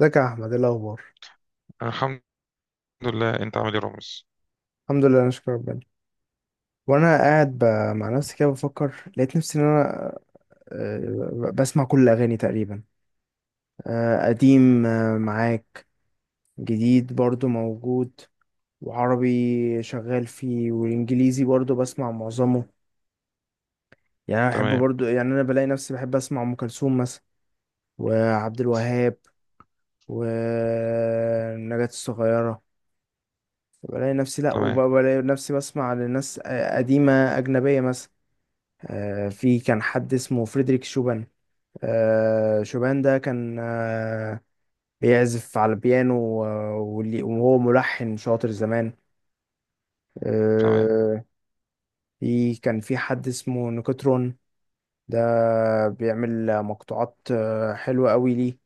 ازيك يا احمد؟ ايه الاخبار؟ الحمد لله. انت عامل ايه رامز؟ الحمد لله، انا شكرا ربنا. وانا قاعد مع نفسي كده بفكر، لقيت نفسي ان انا بسمع كل الاغاني تقريبا. قديم، معاك، جديد برضو موجود. وعربي شغال فيه، والانجليزي برضو بسمع معظمه. يعني انا بحب تمام. برضو، يعني انا بلاقي نفسي بحب اسمع ام كلثوم مثلا، وعبد الوهاب، ونجاة الصغيرة. بلاقي نفسي، لا، تمام. وبلاقي نفسي بسمع لناس قديمة أجنبية مثلا. في كان حد اسمه فريدريك شوبان. شوبان ده كان بيعزف على البيانو. وهو ملحن شاطر زمان. تمام. آه، كان في حد اسمه نيكوترون. ده بيعمل مقطوعات حلوة قوي. ليه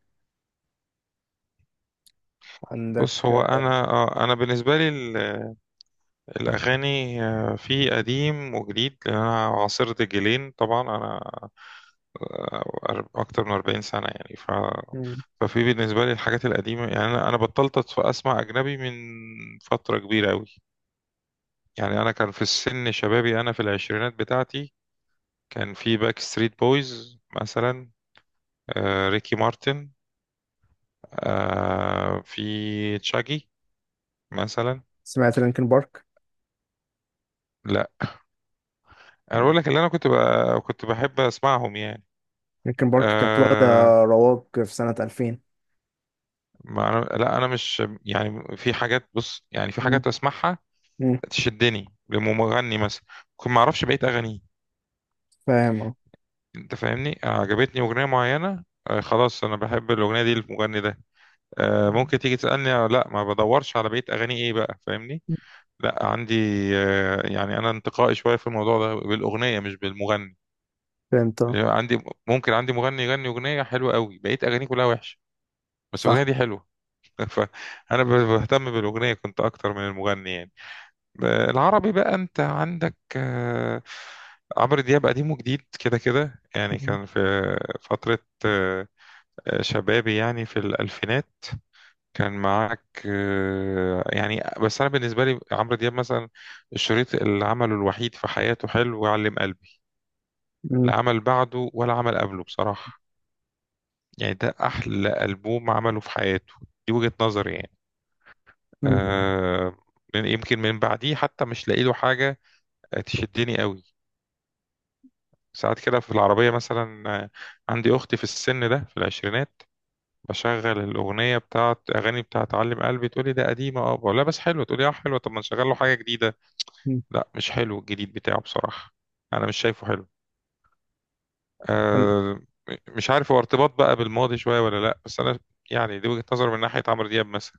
عندك؟ بص، هو انا بالنسبه لي الاغاني في قديم وجديد، لان انا عاصرت جيلين طبعا. انا اكتر من 40 سنه يعني. مم. ففي بالنسبه لي الحاجات القديمه، يعني انا بطلت اسمع اجنبي من فتره كبيره قوي. يعني انا كان في السن شبابي، انا في العشرينات بتاعتي كان في باك ستريت بويز مثلا، ريكي مارتن، في تشاجي مثلا. سمعت لينكن بارك. لا، انا بقول لك اللي انا كنت كنت بحب اسمعهم يعني. لينكن بارك كانت واخدة أه... رواج في سنة 2000. ما أنا... لا انا مش، يعني في حاجات، بص يعني في مم. حاجات اسمعها مم. تشدني لمغني مثلا، ممكن ما اعرفش بقيه اغانيه. فاهم، اه. انت فاهمني، عجبتني اغنيه معينه، خلاص، انا بحب الاغنيه دي المغني ده. ممكن تيجي تسالني لا، ما بدورش على بقيه اغانيه ايه. بقى فاهمني، لا عندي. يعني انا انتقائي شويه في الموضوع ده، بالاغنيه مش بالمغني. فهمت، اه. عندي، ممكن عندي مغني يغني اغنيه حلوه قوي، بقيت اغانيه كلها وحشه، بس الاغنيه صح. دي حلوه. فانا بهتم بالاغنيه كنت اكتر من المغني يعني. العربي بقى، انت عندك عمرو دياب قديم وجديد كده كده. يعني مم. كان في فتره آه، شبابي، يعني في الالفينات، كان معاك يعني. بس انا بالنسبه لي عمرو دياب مثلا، الشريط اللي عمله الوحيد في حياته حلو، وعلم قلبي لا عمل بعده ولا عمل قبله بصراحه. يعني ده أحلى ألبوم عمله في حياته، دي وجهة نظري يعني. مم. آه يمكن من بعديه حتى مش لاقي له حاجة تشدني قوي. ساعات كده في العربية مثلا، عندي أختي في السن ده، في العشرينات، بشغل الأغنية بتاعت أغاني بتاعت علم قلبي، تقولي ده قديمة. اه، بقول لها بس حلوة، تقولي اه حلوة. طب ما نشغل له حاجة جديدة. لا، مش حلو الجديد بتاعه بصراحة، أنا مش شايفه حلو. مم. آه مش عارف، هو ارتباط بقى بالماضي شوية ولا لا، بس أنا يعني دي وجهة نظري من ناحية عمرو دياب مثلا.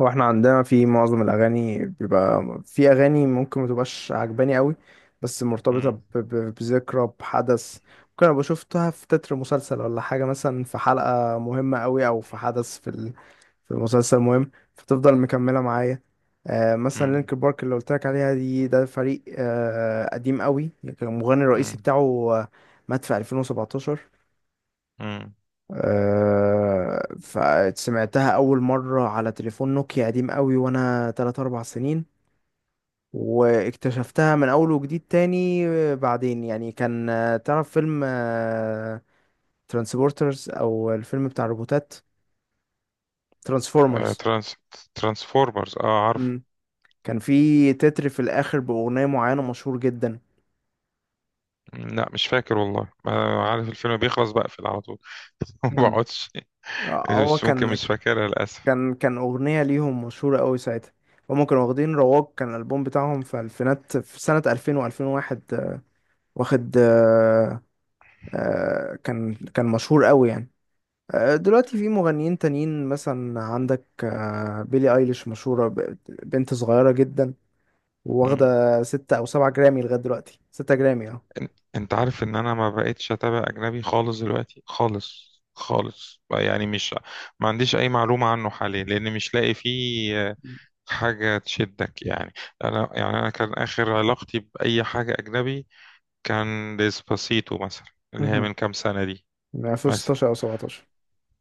هو احنا عندنا في معظم الاغاني بيبقى في اغاني ممكن ما تبقاش عجباني قوي، بس مرتبطه مم. بذكرى، بحدث. ممكن ابقى شفتها في تتر مسلسل ولا حاجه، مثلا في حلقه مهمه قوي او في حدث في في مسلسل مهم، فتفضل مكمله معايا. آه، مثلا مم. لينك بارك اللي قلت لك عليها دي، ده فريق آه قديم قوي. كان المغني الرئيسي مم. بتاعه مات في 2017. مم. فسمعتها أول مرة على تليفون نوكيا قديم قوي وأنا تلات أربع سنين، واكتشفتها من أول وجديد تاني. بعدين يعني كان تعرف فيلم ترانسبورترز، أو الفيلم بتاع الروبوتات، آه، ترانسفورمرز. ترانسفورمرز، اه عارف. مم. كان في تتر في الآخر بأغنية معينة مشهور جدا. لا مش فاكر، والله ما عارف، الفيلم بيخلص بقفل على طول. ما مم. بقعدش. هو بس ممكن كان مش فاكرها للأسف. كان أغنية ليهم مشهورة قوي ساعتها. هما كانوا واخدين رواج، كان الألبوم بتاعهم في ألفينات، في سنة 2000 و2001، واخد كان مشهور قوي يعني. دلوقتي في مغنيين تانيين مثلا. عندك بيلي ايليش، مشهورة، بنت صغيرة جدا، مم. واخدة ستة أو سبعة جرامي لغاية دلوقتي. ستة جرامي، اه. إن- انت عارف ان انا ما بقتش اتابع اجنبي خالص دلوقتي، خالص خالص يعني مش، ما عنديش اي معلومة عنه حاليا، لان مش لاقي فيه حاجة تشدك يعني. انا يعني انا كان اخر علاقتي باي حاجة اجنبي كان ديسباسيتو مثلا، اللي هي مهم. من كام سنة دي من مثلا. 2016 أو 17.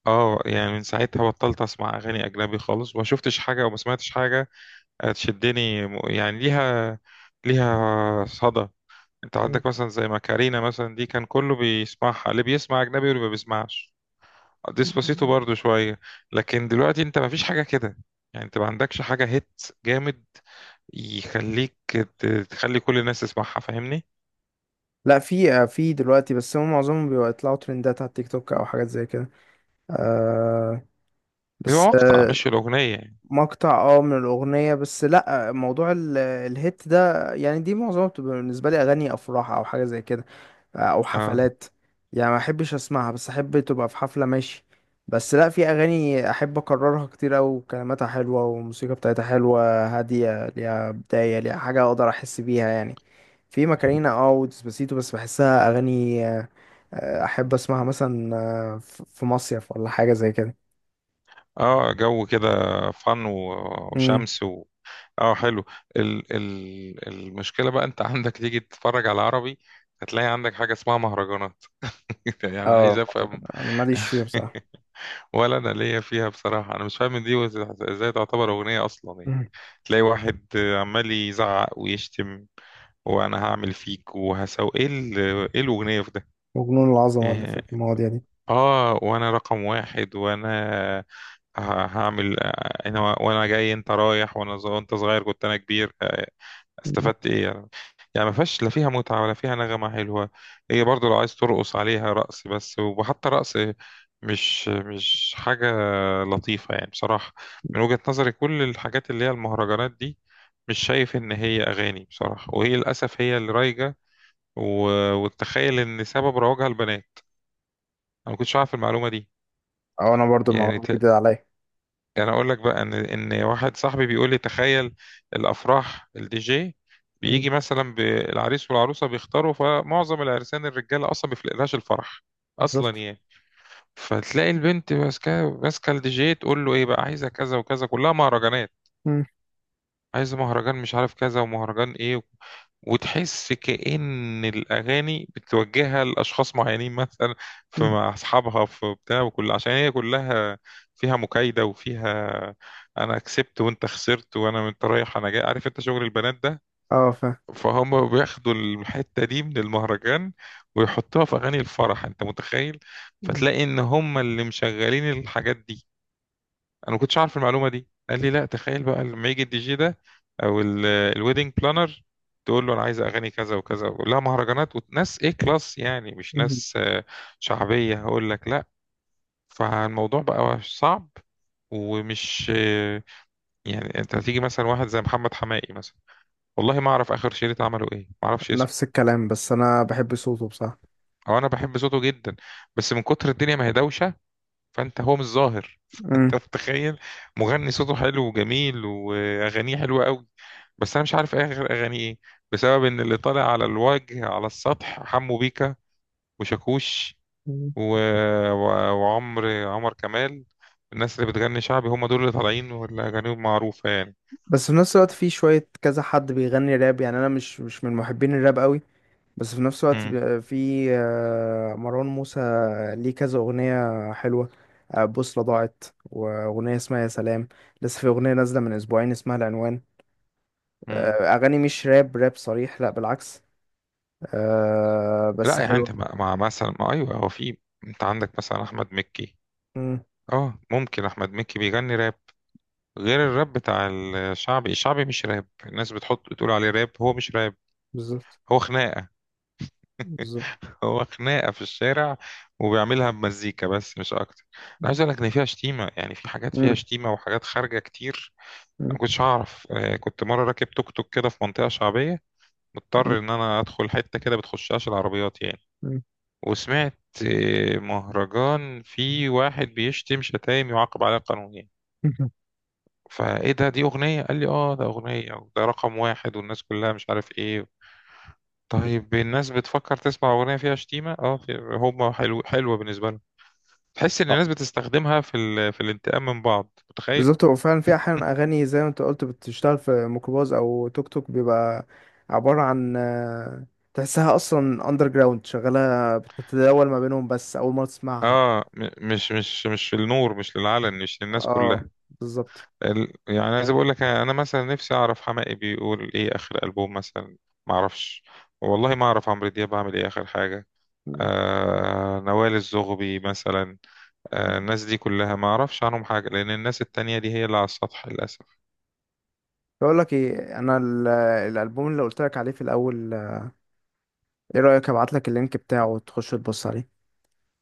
اه، يعني من ساعتها بطلت اسمع اغاني اجنبي خالص، وما شفتش حاجه وما سمعتش حاجه تشدني. يعني ليها صدى. انت عندك مثلا زي ماكارينا مثلا، دي كان كله بيسمعها، اللي بيسمع اجنبي واللي ما بيسمعش، ديسباسيتو برضو شويه. لكن دلوقتي انت ما فيش حاجه كده، يعني انت ما عندكش حاجه هيت جامد يخليك تخلي كل الناس تسمعها، فاهمني؟ لا، في في دلوقتي، بس هم معظمهم بيطلعوا ترندات على التيك توك أو حاجات زي كده. آه، بيبقى بس مقطع آه، مش الاغنيه يعني. مقطع اه من الأغنية، بس لأ، موضوع الهيت ده، يعني دي معظمها بتبقى بالنسبة لي أغاني أفراح أو حاجة زي كده، أو اه. حفلات. يعني ما أحبش أسمعها، بس أحب تبقى في حفلة، ماشي. بس لأ في أغاني أحب أكررها كتير أوي، كلماتها حلوة والموسيقى بتاعتها حلوة هادية، ليها بداية، ليها حاجة أقدر أحس بيها يعني. في ماكارينا اه وديسباسيتو، بس بحسها أغاني أحب أسمعها مثلا في مصيف ولا حاجة زي كده. اه، جو كده، فن مم. وشمس. اه، حلو. ال المشكله بقى، انت عندك تيجي تتفرج على عربي، هتلاقي عندك حاجه اسمها مهرجانات. يعني عايز اه، مهرجان. افهم. أنا ماليش فيه بصراحة. ولا انا ليا فيها بصراحه، انا مش فاهم دي ازاي تعتبر اغنيه اصلا يعني. مم. تلاقي واحد عمال يزعق ويشتم، وانا هعمل فيك وهسوي ايه، ايه الاغنيه في ده وجنون العظمة اللي في يعني، المواضيع دي. اه؟ وانا رقم واحد، وانا هعمل، انا وانا جاي انت رايح، وانا وانت صغير كنت انا كبير مم. استفدت ايه يعني؟ يعني ما فيهاش لا فيها متعة ولا فيها نغمة حلوة. هي برضو لو عايز ترقص عليها رقص بس، وحتى رقص مش حاجة لطيفة يعني بصراحة. من وجهة نظري كل الحاجات اللي هي المهرجانات دي، مش شايف إن هي أغاني بصراحة، وهي للأسف هي اللي رايجة. و... وتخيل إن سبب رواجها البنات. أنا ما كنتش عارف المعلومة دي. او انا برضو يعني المعلومه دي جديده عليا. يعني اقول لك بقى ان واحد صاحبي بيقول لي تخيل، الافراح الدي جي مم. بيجي مثلا بالعريس والعروسه بيختاروا، فمعظم العرسان الرجاله اصلا ما بيفلقلهاش الفرح اصلا بالظبط. يعني. فتلاقي البنت ماسكه ماسكه الدي جي، تقول له ايه بقى، عايزه كذا وكذا، كلها مهرجانات. مم. عايزه مهرجان مش عارف كذا، ومهرجان ايه. وتحس كأن الأغاني بتوجهها لأشخاص معينين مثلا، في مم. مع أصحابها، في بتاع، وكل عشان هي كلها فيها مكايدة، وفيها أنا كسبت وأنت خسرت، وأنا أنت رايح أنا جاي، عارف؟ أنت شغل البنات ده اه، فاهم. فهم بياخدوا الحتة دي من المهرجان ويحطوها في أغاني الفرح، أنت متخيل؟ مم. فتلاقي إن هم اللي مشغلين الحاجات دي. انا ما كنتش عارف المعلومه دي، قال لي لا، تخيل بقى لما يجي الدي جي ده او الويدنج بلانر، تقول له انا عايز اغاني كذا وكذا، ويقول لها مهرجانات وناس ايه، كلاس يعني مش مم. ناس شعبيه، هقول لك لا. فالموضوع بقى صعب ومش يعني، انت هتيجي مثلا واحد زي محمد حماقي مثلا، والله ما اعرف اخر شريط عمله ايه، ما اعرفش اسمه. نفس الكلام، بس انا بحب صوته بصراحه. او انا بحب صوته جدا، بس من كتر الدنيا ما هي دوشه فانت هو مش ظاهر. مم. طب تخيل، مغني صوته حلو وجميل واغانيه حلوه قوي، بس انا مش عارف ايه غير اغانيه ايه، بسبب ان اللي طالع على الوجه على السطح حمو بيكا وشاكوش مم. و... و... وعمر كمال. الناس اللي بتغني شعبي هم دول اللي طالعين واللي اغانيهم معروفه يعني. بس في نفس الوقت في شويه كذا حد بيغني راب، يعني انا مش من محبين الراب قوي. بس في نفس الوقت مم. في مروان موسى، ليه كذا اغنيه حلوه. بوصله ضاعت، واغنيه اسمها يا سلام. لسه في اغنيه نازله من اسبوعين اسمها العنوان. مم. اغاني مش راب راب صريح، لا بالعكس، لا بس يعني حلوه. انت مع مثلا، ما ايوه، هو في، انت عندك مثلا احمد مكي. مم. اه ممكن احمد مكي بيغني راب. غير الراب بتاع الشعبي، الشعبي مش راب. الناس بتحط بتقول عليه راب، هو مش راب، بالظبط. هو خناقة. بالظبط. هو خناقة في الشارع وبيعملها بمزيكا بس، مش أكتر. أنا مم. عايز أقول لك إن فيها شتيمة، يعني في حاجات فيها مم. شتيمة وحاجات خارجة كتير. أنا مم. ما كنتش أعرف كنت مرة راكب توك توك كده في منطقة شعبية، مم. مضطر إن أنا أدخل حتة كده بتخشهاش العربيات يعني، مم. وسمعت مهرجان في واحد بيشتم شتايم يعاقب عليها قانونيا. فايه ده، دي اغنيه؟ قال لي اه ده اغنيه، وده رقم واحد، والناس كلها مش عارف ايه. طيب الناس بتفكر تسمع أغنية فيها شتيمة؟ اه، في هما حلو، حلوة بالنسبة لهم، تحس إن آه، الناس بتستخدمها في الانتقام من بعض، متخيل؟ بالظبط، هو فعلا في احيانا اغاني زي ما انت قلت بتشتغل في ميكروباص او توك توك، بيبقى عباره عن تحسها اصلا اندر جراوند شغاله بتتداول ما بينهم، بس اول مره تسمعها. اه، مش للنور، مش للعلن، مش للناس اه، كلها. بالظبط. يعني عايز أقول لك أنا مثلا نفسي أعرف حماقي بيقول إيه آخر ألبوم مثلا، معرفش. والله ما أعرف عمرو دياب عامل إيه آخر حاجة، مم. نوال الزغبي مثلا. الناس دي كلها ما أعرفش عنهم حاجة، لأن الناس التانية دي هي اللي على السطح للأسف. بقول لك ايه، انا الالبوم اللي قلت لك عليه في الاول، ايه رايك ابعت لك اللينك بتاعه وتخش تبص عليه؟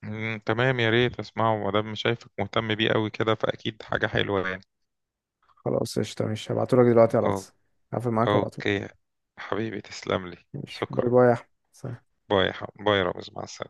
تمام، يا ريت اسمعه، ما دام شايفك مهتم بيه قوي كده، فاكيد حاجه حلوه يعني. خلاص، قشطة، ماشي. هبعتهولك دلوقتي على أو- الواتس. هقفل معاك وابعتهولك. اوكي حبيبي، تسلم لي، ماشي، باي شكرا. باي يا أحمد، سلام. باي يا رامز، مع السلامه.